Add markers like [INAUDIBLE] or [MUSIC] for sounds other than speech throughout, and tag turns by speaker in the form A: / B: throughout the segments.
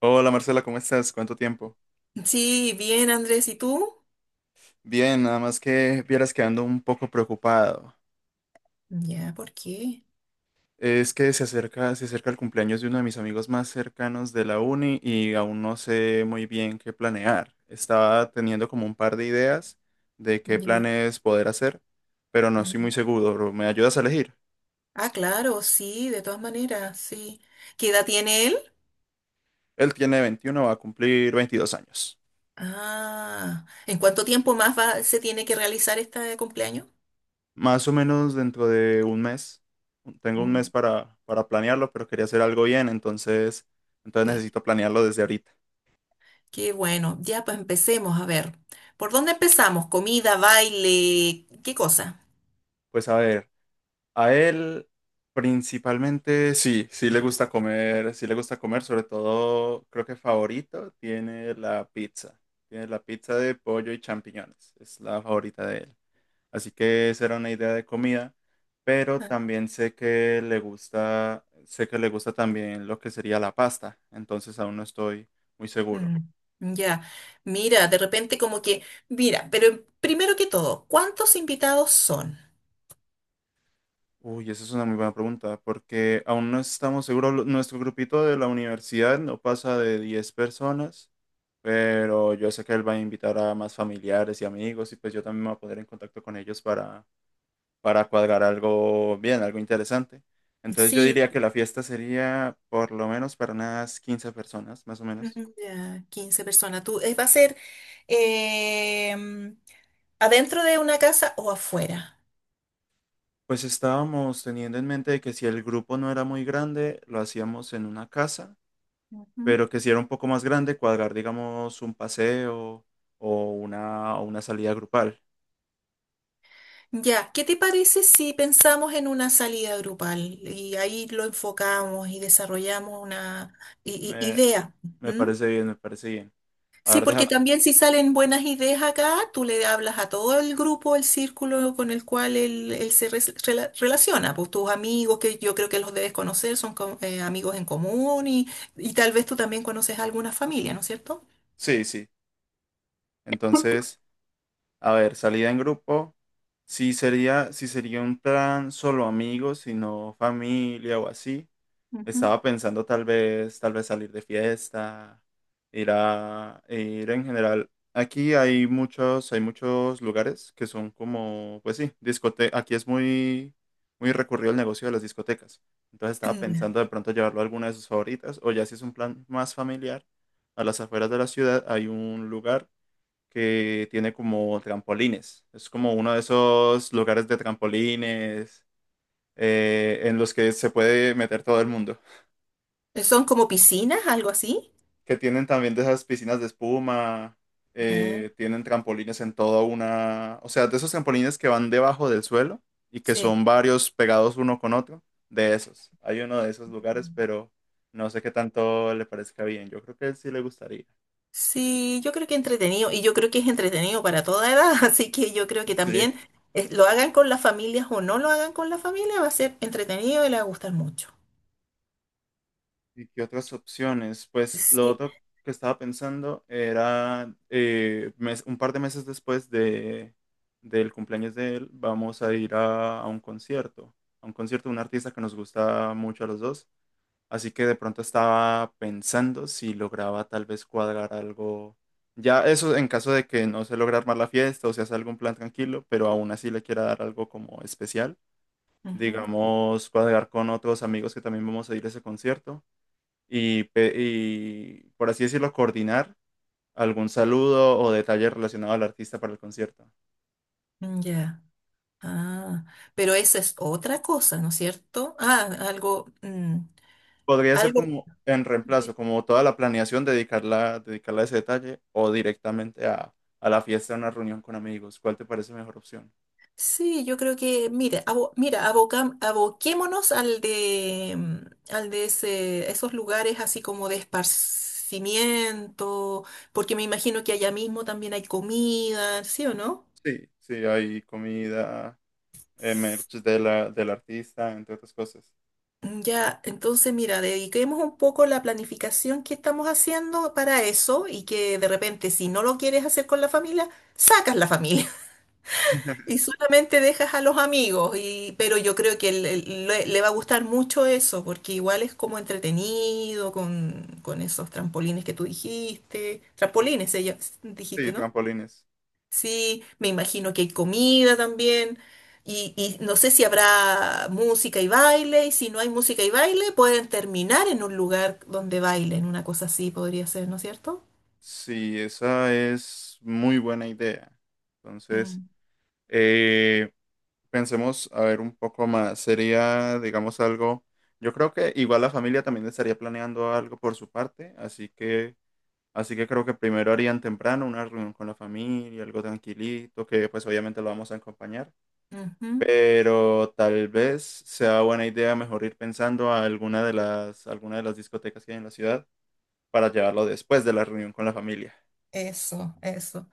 A: Hola, Marcela, ¿cómo estás? ¿Cuánto tiempo?
B: Sí, bien, Andrés, ¿y tú?
A: Bien, nada más que vieras que ando un poco preocupado.
B: Ya, ¿por qué?
A: Es que se acerca el cumpleaños de uno de mis amigos más cercanos de la uni y aún no sé muy bien qué planear. Estaba teniendo como un par de ideas de qué
B: Ya.
A: planes poder hacer, pero no estoy muy
B: mm.
A: seguro. ¿Me ayudas a elegir?
B: Ah, claro, sí, de todas maneras, sí. ¿Qué edad tiene él?
A: Él tiene 21, va a cumplir 22 años.
B: Ah, ¿en cuánto tiempo más va, se tiene que realizar este cumpleaños?
A: Más o menos dentro de un mes. Tengo un mes
B: Mm.
A: para planearlo, pero quería hacer algo bien, entonces
B: Sí.
A: necesito planearlo desde ahorita.
B: Qué bueno, ya pues empecemos, a ver. ¿Por dónde empezamos? ¿Comida, baile? ¿Qué cosa?
A: Pues a ver, a él principalmente sí le gusta comer, sí le gusta comer, sobre todo creo que favorito tiene la pizza. Tiene la pizza de pollo y champiñones, es la favorita de él. Así que esa era una idea de comida, pero
B: Ah,
A: también sé que le gusta también lo que sería la pasta, entonces aún no estoy muy seguro.
B: mm, Ya, mira, de repente como que, mira, pero primero que todo, ¿cuántos invitados son?
A: Uy, esa es una muy buena pregunta, porque aún no estamos seguros. Nuestro grupito de la universidad no pasa de 10 personas, pero yo sé que él va a invitar a más familiares y amigos, y pues yo también me voy a poner en contacto con ellos para cuadrar algo bien, algo interesante. Entonces yo
B: Sí.
A: diría que la fiesta sería por lo menos para unas 15 personas, más o menos.
B: Ya, 15 personas. Tú, ¿va a ser em, adentro de una casa o afuera?
A: Pues estábamos teniendo en mente de que si el grupo no era muy grande, lo hacíamos en una casa,
B: Ujú.
A: pero que si era un poco más grande, cuadrar, digamos, un paseo o una salida grupal.
B: Ya, ¿qué te parece si pensamos en una salida grupal y ahí lo enfocamos y desarrollamos una
A: Me,
B: idea?
A: me parece bien, me parece bien. A
B: Sí,
A: ver,
B: porque también si salen buenas ideas acá, tú le hablas a todo el grupo, el círculo con el cual él se relaciona, pues tus amigos, que yo creo que los debes conocer, son amigos en común y tal vez tú también conoces a alguna familia, ¿no es cierto?
A: Sí, sí. Entonces... A ver, salida en grupo. Sí sería, sí sería un plan solo amigos, sino familia o así.
B: Ujú.
A: Estaba pensando tal vez salir de fiesta, ir a, ir en general. Aquí hay muchos lugares que son como, pues sí, discote. Aquí es muy, muy recurrido el negocio de las discotecas. Entonces estaba
B: [CLEARS THROAT] Ya.
A: pensando de pronto llevarlo a alguna de sus favoritas, o ya si es un plan más familiar, a las afueras de la ciudad hay un lugar que tiene como trampolines. Es como uno de esos lugares de trampolines en los que se puede meter todo el mundo.
B: ¿Son como piscinas, algo así?
A: Que tienen también de esas piscinas de espuma,
B: Ah,
A: tienen trampolines en toda una... O sea, de esos trampolines que van debajo del suelo y que
B: sí.
A: son varios pegados uno con otro. De esos. Hay uno de esos lugares, pero no sé qué tanto le parezca bien. Yo creo que él sí le gustaría.
B: Sí, yo creo que entretenido, y yo creo que es entretenido para toda edad, [LAUGHS] así que yo creo que
A: Sí.
B: también lo hagan con las familias o no lo hagan con la familia, va a ser entretenido y le va a gustar mucho.
A: ¿Y qué otras opciones? Pues lo
B: Sí.
A: otro que estaba pensando era un par de meses después del cumpleaños de él, vamos a a un concierto de un artista que nos gusta mucho a los dos. Así que de pronto estaba pensando si lograba tal vez cuadrar algo. Ya eso en caso de que no se logre armar la fiesta o se hace algún plan tranquilo, pero aún así le quiera dar algo como especial.
B: Ujú,
A: Digamos, cuadrar con otros amigos que también vamos a ir a ese concierto y, por así decirlo, coordinar algún saludo o detalle relacionado al artista para el concierto.
B: Ya. Ah, pero esa es otra cosa, ¿no es cierto?
A: Podría ser
B: Algo.
A: como en reemplazo,
B: de-
A: como toda la planeación, dedicarla a ese detalle o directamente a la fiesta, a una reunión con amigos. ¿Cuál te parece mejor opción?
B: Sí, yo creo que, mira, aboquémonos al al de ese, esos lugares así como de esparcimiento, porque me imagino que allá mismo también hay comida, ¿sí o no?
A: Sí, sí, hay comida, merch de la, del artista, entre otras cosas.
B: Ya, entonces mira, dediquemos un poco la planificación que estamos haciendo para eso y que de repente si no lo quieres hacer con la familia, sacas la familia [LAUGHS] y solamente dejas a los amigos. Y, pero yo creo que le va a gustar mucho eso porque igual es como entretenido con esos trampolines que tú dijiste.
A: Sí,
B: Trampolines, ella
A: sí,
B: dijiste, ¿no?
A: trampolines.
B: Sí, me imagino que hay comida también. Y no sé si habrá música y baile. Y si no hay música y baile, pueden terminar en un lugar donde bailen. Una cosa así podría ser, ¿no es cierto?
A: Sí, esa es muy buena idea. Entonces,
B: Mm,
A: pensemos, a ver, un poco más. Sería, digamos, algo. Yo creo que igual la familia también estaría planeando algo por su parte, así que creo que primero harían temprano una reunión con la familia, algo tranquilito, que pues obviamente lo vamos a acompañar.
B: ujú.
A: Pero tal vez sea buena idea mejor ir pensando a alguna de las discotecas que hay en la ciudad para llevarlo después de la reunión con la familia.
B: Eso, eso.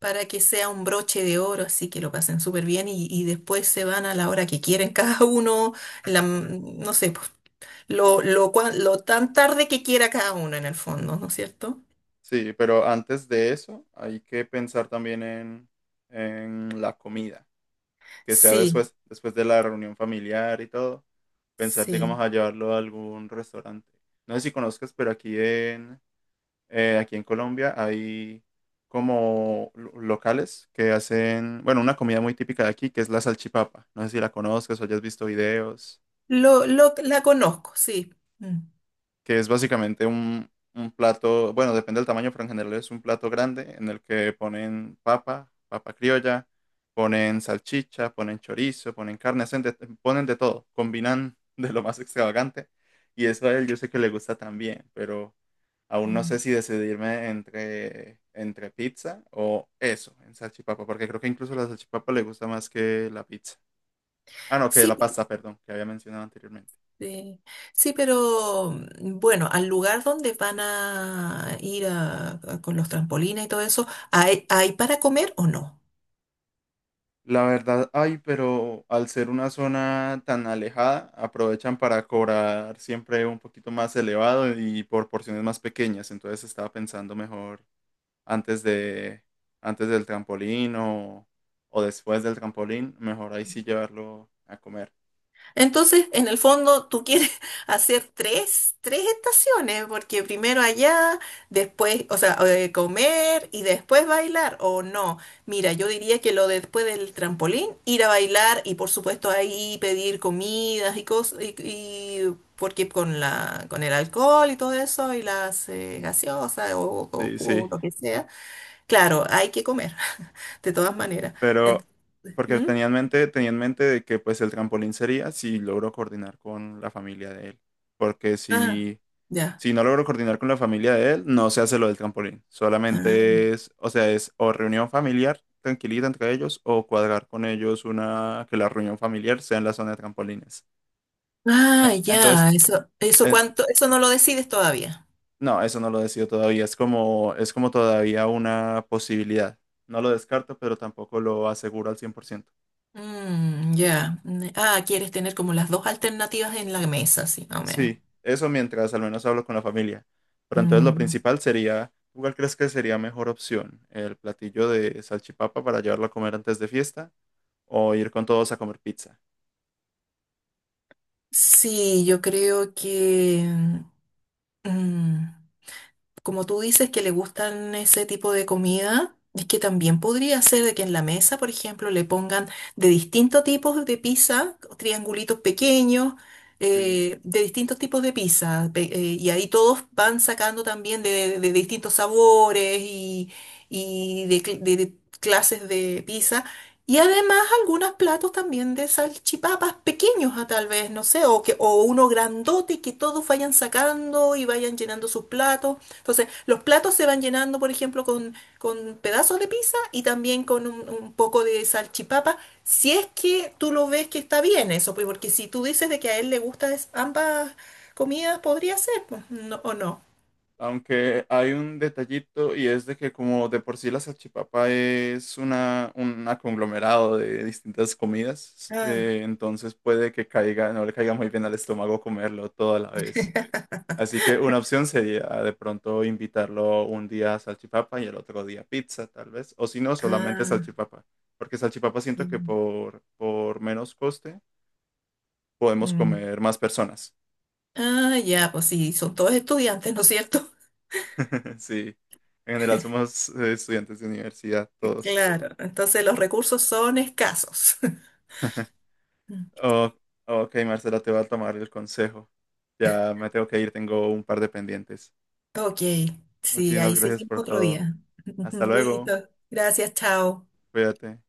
B: Para que sea un broche de oro, así que lo pasen súper bien y después se van a la hora que quieren [LAUGHS] cada uno, la, no sé, pues, lo tan tarde que quiera cada uno en el fondo, ¿no es cierto?
A: Sí, pero antes de eso hay que pensar también en la comida. Que sea
B: Sí,
A: después, después de la reunión familiar y todo, pensar, digamos,
B: sí.
A: a llevarlo a algún restaurante. No sé si conozcas, pero aquí en Colombia hay como locales que hacen, bueno, una comida muy típica de aquí, que es la salchipapa. No sé si la conozcas o hayas visto videos.
B: La conozco, sí. Mm,
A: Que es básicamente un plato, bueno, depende del tamaño, pero en general es un plato grande en el que ponen papa, papa criolla, ponen salchicha, ponen chorizo, ponen carne, ponen de todo, combinan [LAUGHS] de lo más extravagante y eso a él yo sé que le gusta también, pero aún no sé
B: mm.
A: si decidirme entre pizza o eso, en salchipapa, porque creo que incluso la salchipapa le gusta más que la pizza. Ah, no, que
B: Sí,
A: la
B: pe-
A: pasta, perdón, que había mencionado anteriormente.
B: eh, sí, pero bueno, al lugar donde van a ir con los trampolines y todo eso, ¿hay, hay para comer o no?
A: La verdad, hay, pero al ser una zona tan alejada, aprovechan para cobrar siempre un poquito más elevado y por porciones más pequeñas. Entonces estaba pensando mejor antes de, antes del o después del trampolín, mejor ahí sí llevarlo a comer.
B: Entonces, en el fondo, tú quieres [LAUGHS] hacer tres, tres estaciones, porque primero allá, después, o sea, comer y después bailar, o no. Mira, yo diría que lo de después del trampolín, ir a bailar y por supuesto ahí pedir comidas y cosas, porque con la, con el alcohol y todo eso, y las gaseosas o
A: Sí, sí,
B: jugo, lo que sea, claro, hay que comer, [LAUGHS] de todas maneras. Ent-
A: pero porque
B: ¿Mm?
A: tenía en mente de que pues el trampolín sería si logro coordinar con la familia de él. Porque
B: Ah,
A: si
B: ya.
A: Si no logro coordinar con la familia de él, no se hace lo del trampolín.
B: Ah.
A: Solamente es, o sea, es o reunión familiar tranquilita entre ellos o cuadrar con ellos una que la reunión familiar sea en la zona de trampolines.
B: Ah,
A: En- entonces,
B: ya, eso
A: eh,
B: cuánto, eso no lo decides todavía.
A: no, eso no lo decido todavía. Es como todavía una posibilidad. No lo descarto, pero tampoco lo aseguro al 100%.
B: Mm, ya. Ah, quieres tener como las dos alternativas en la mesa, sí, más o menos.
A: Sí, eso mientras al menos hablo con la familia. Pero entonces lo
B: Mm,
A: principal sería, ¿tú ¿cuál crees que sería mejor opción? ¿El platillo de salchipapa para llevarlo a comer antes de fiesta? O ir con todos a comer pizza.
B: sí, yo creo que mm, como tú dices que le gustan ese tipo de comida, es que también podría ser de que en la mesa, por ejemplo, le pongan de distintos tipos de pizza, triangulitos pequeños,
A: Sí,
B: de distintos tipos de pizza, y ahí todos van sacando también de distintos sabores y, de clases de pizza. Y además, algunos platos también de salchipapas pequeños, a tal vez, no sé, o, que, o uno grandote que todos vayan sacando y vayan llenando sus platos. Entonces, los platos se van llenando, por ejemplo, con pedazos de pizza y también con un poco de salchipapa, si es que tú lo ves que está bien eso, pues, porque si tú dices de que a él le gustan ambas comidas, podría ser, pues, no, o no.
A: aunque hay un detallito y es de que como de por sí la salchipapa es una, un conglomerado de distintas comidas,
B: Ah,
A: entonces puede que caiga, no le caiga muy bien al estómago comerlo todo a la vez. Así que una opción sería de pronto invitarlo un día a salchipapa y el otro día pizza, tal vez. O si no, solamente
B: ah,
A: salchipapa. Porque salchipapa siento que
B: sí.
A: por menos coste podemos
B: Mm.
A: comer más personas.
B: Ah, ya, pues sí, son todos estudiantes, ¿no es cierto?
A: [LAUGHS] Sí, en general somos estudiantes de universidad todos.
B: Claro, entonces los recursos son escasos. [LAUGHS]
A: Oh, ok, Marcela, te voy a tomar el consejo. Ya me tengo que ir, tengo un par de pendientes.
B: Ok, sí,
A: Muchísimas
B: ahí
A: gracias
B: seguimos
A: por
B: otro
A: todo.
B: día. [LAUGHS]
A: Hasta luego,
B: Listo, gracias, chao.
A: cuídate.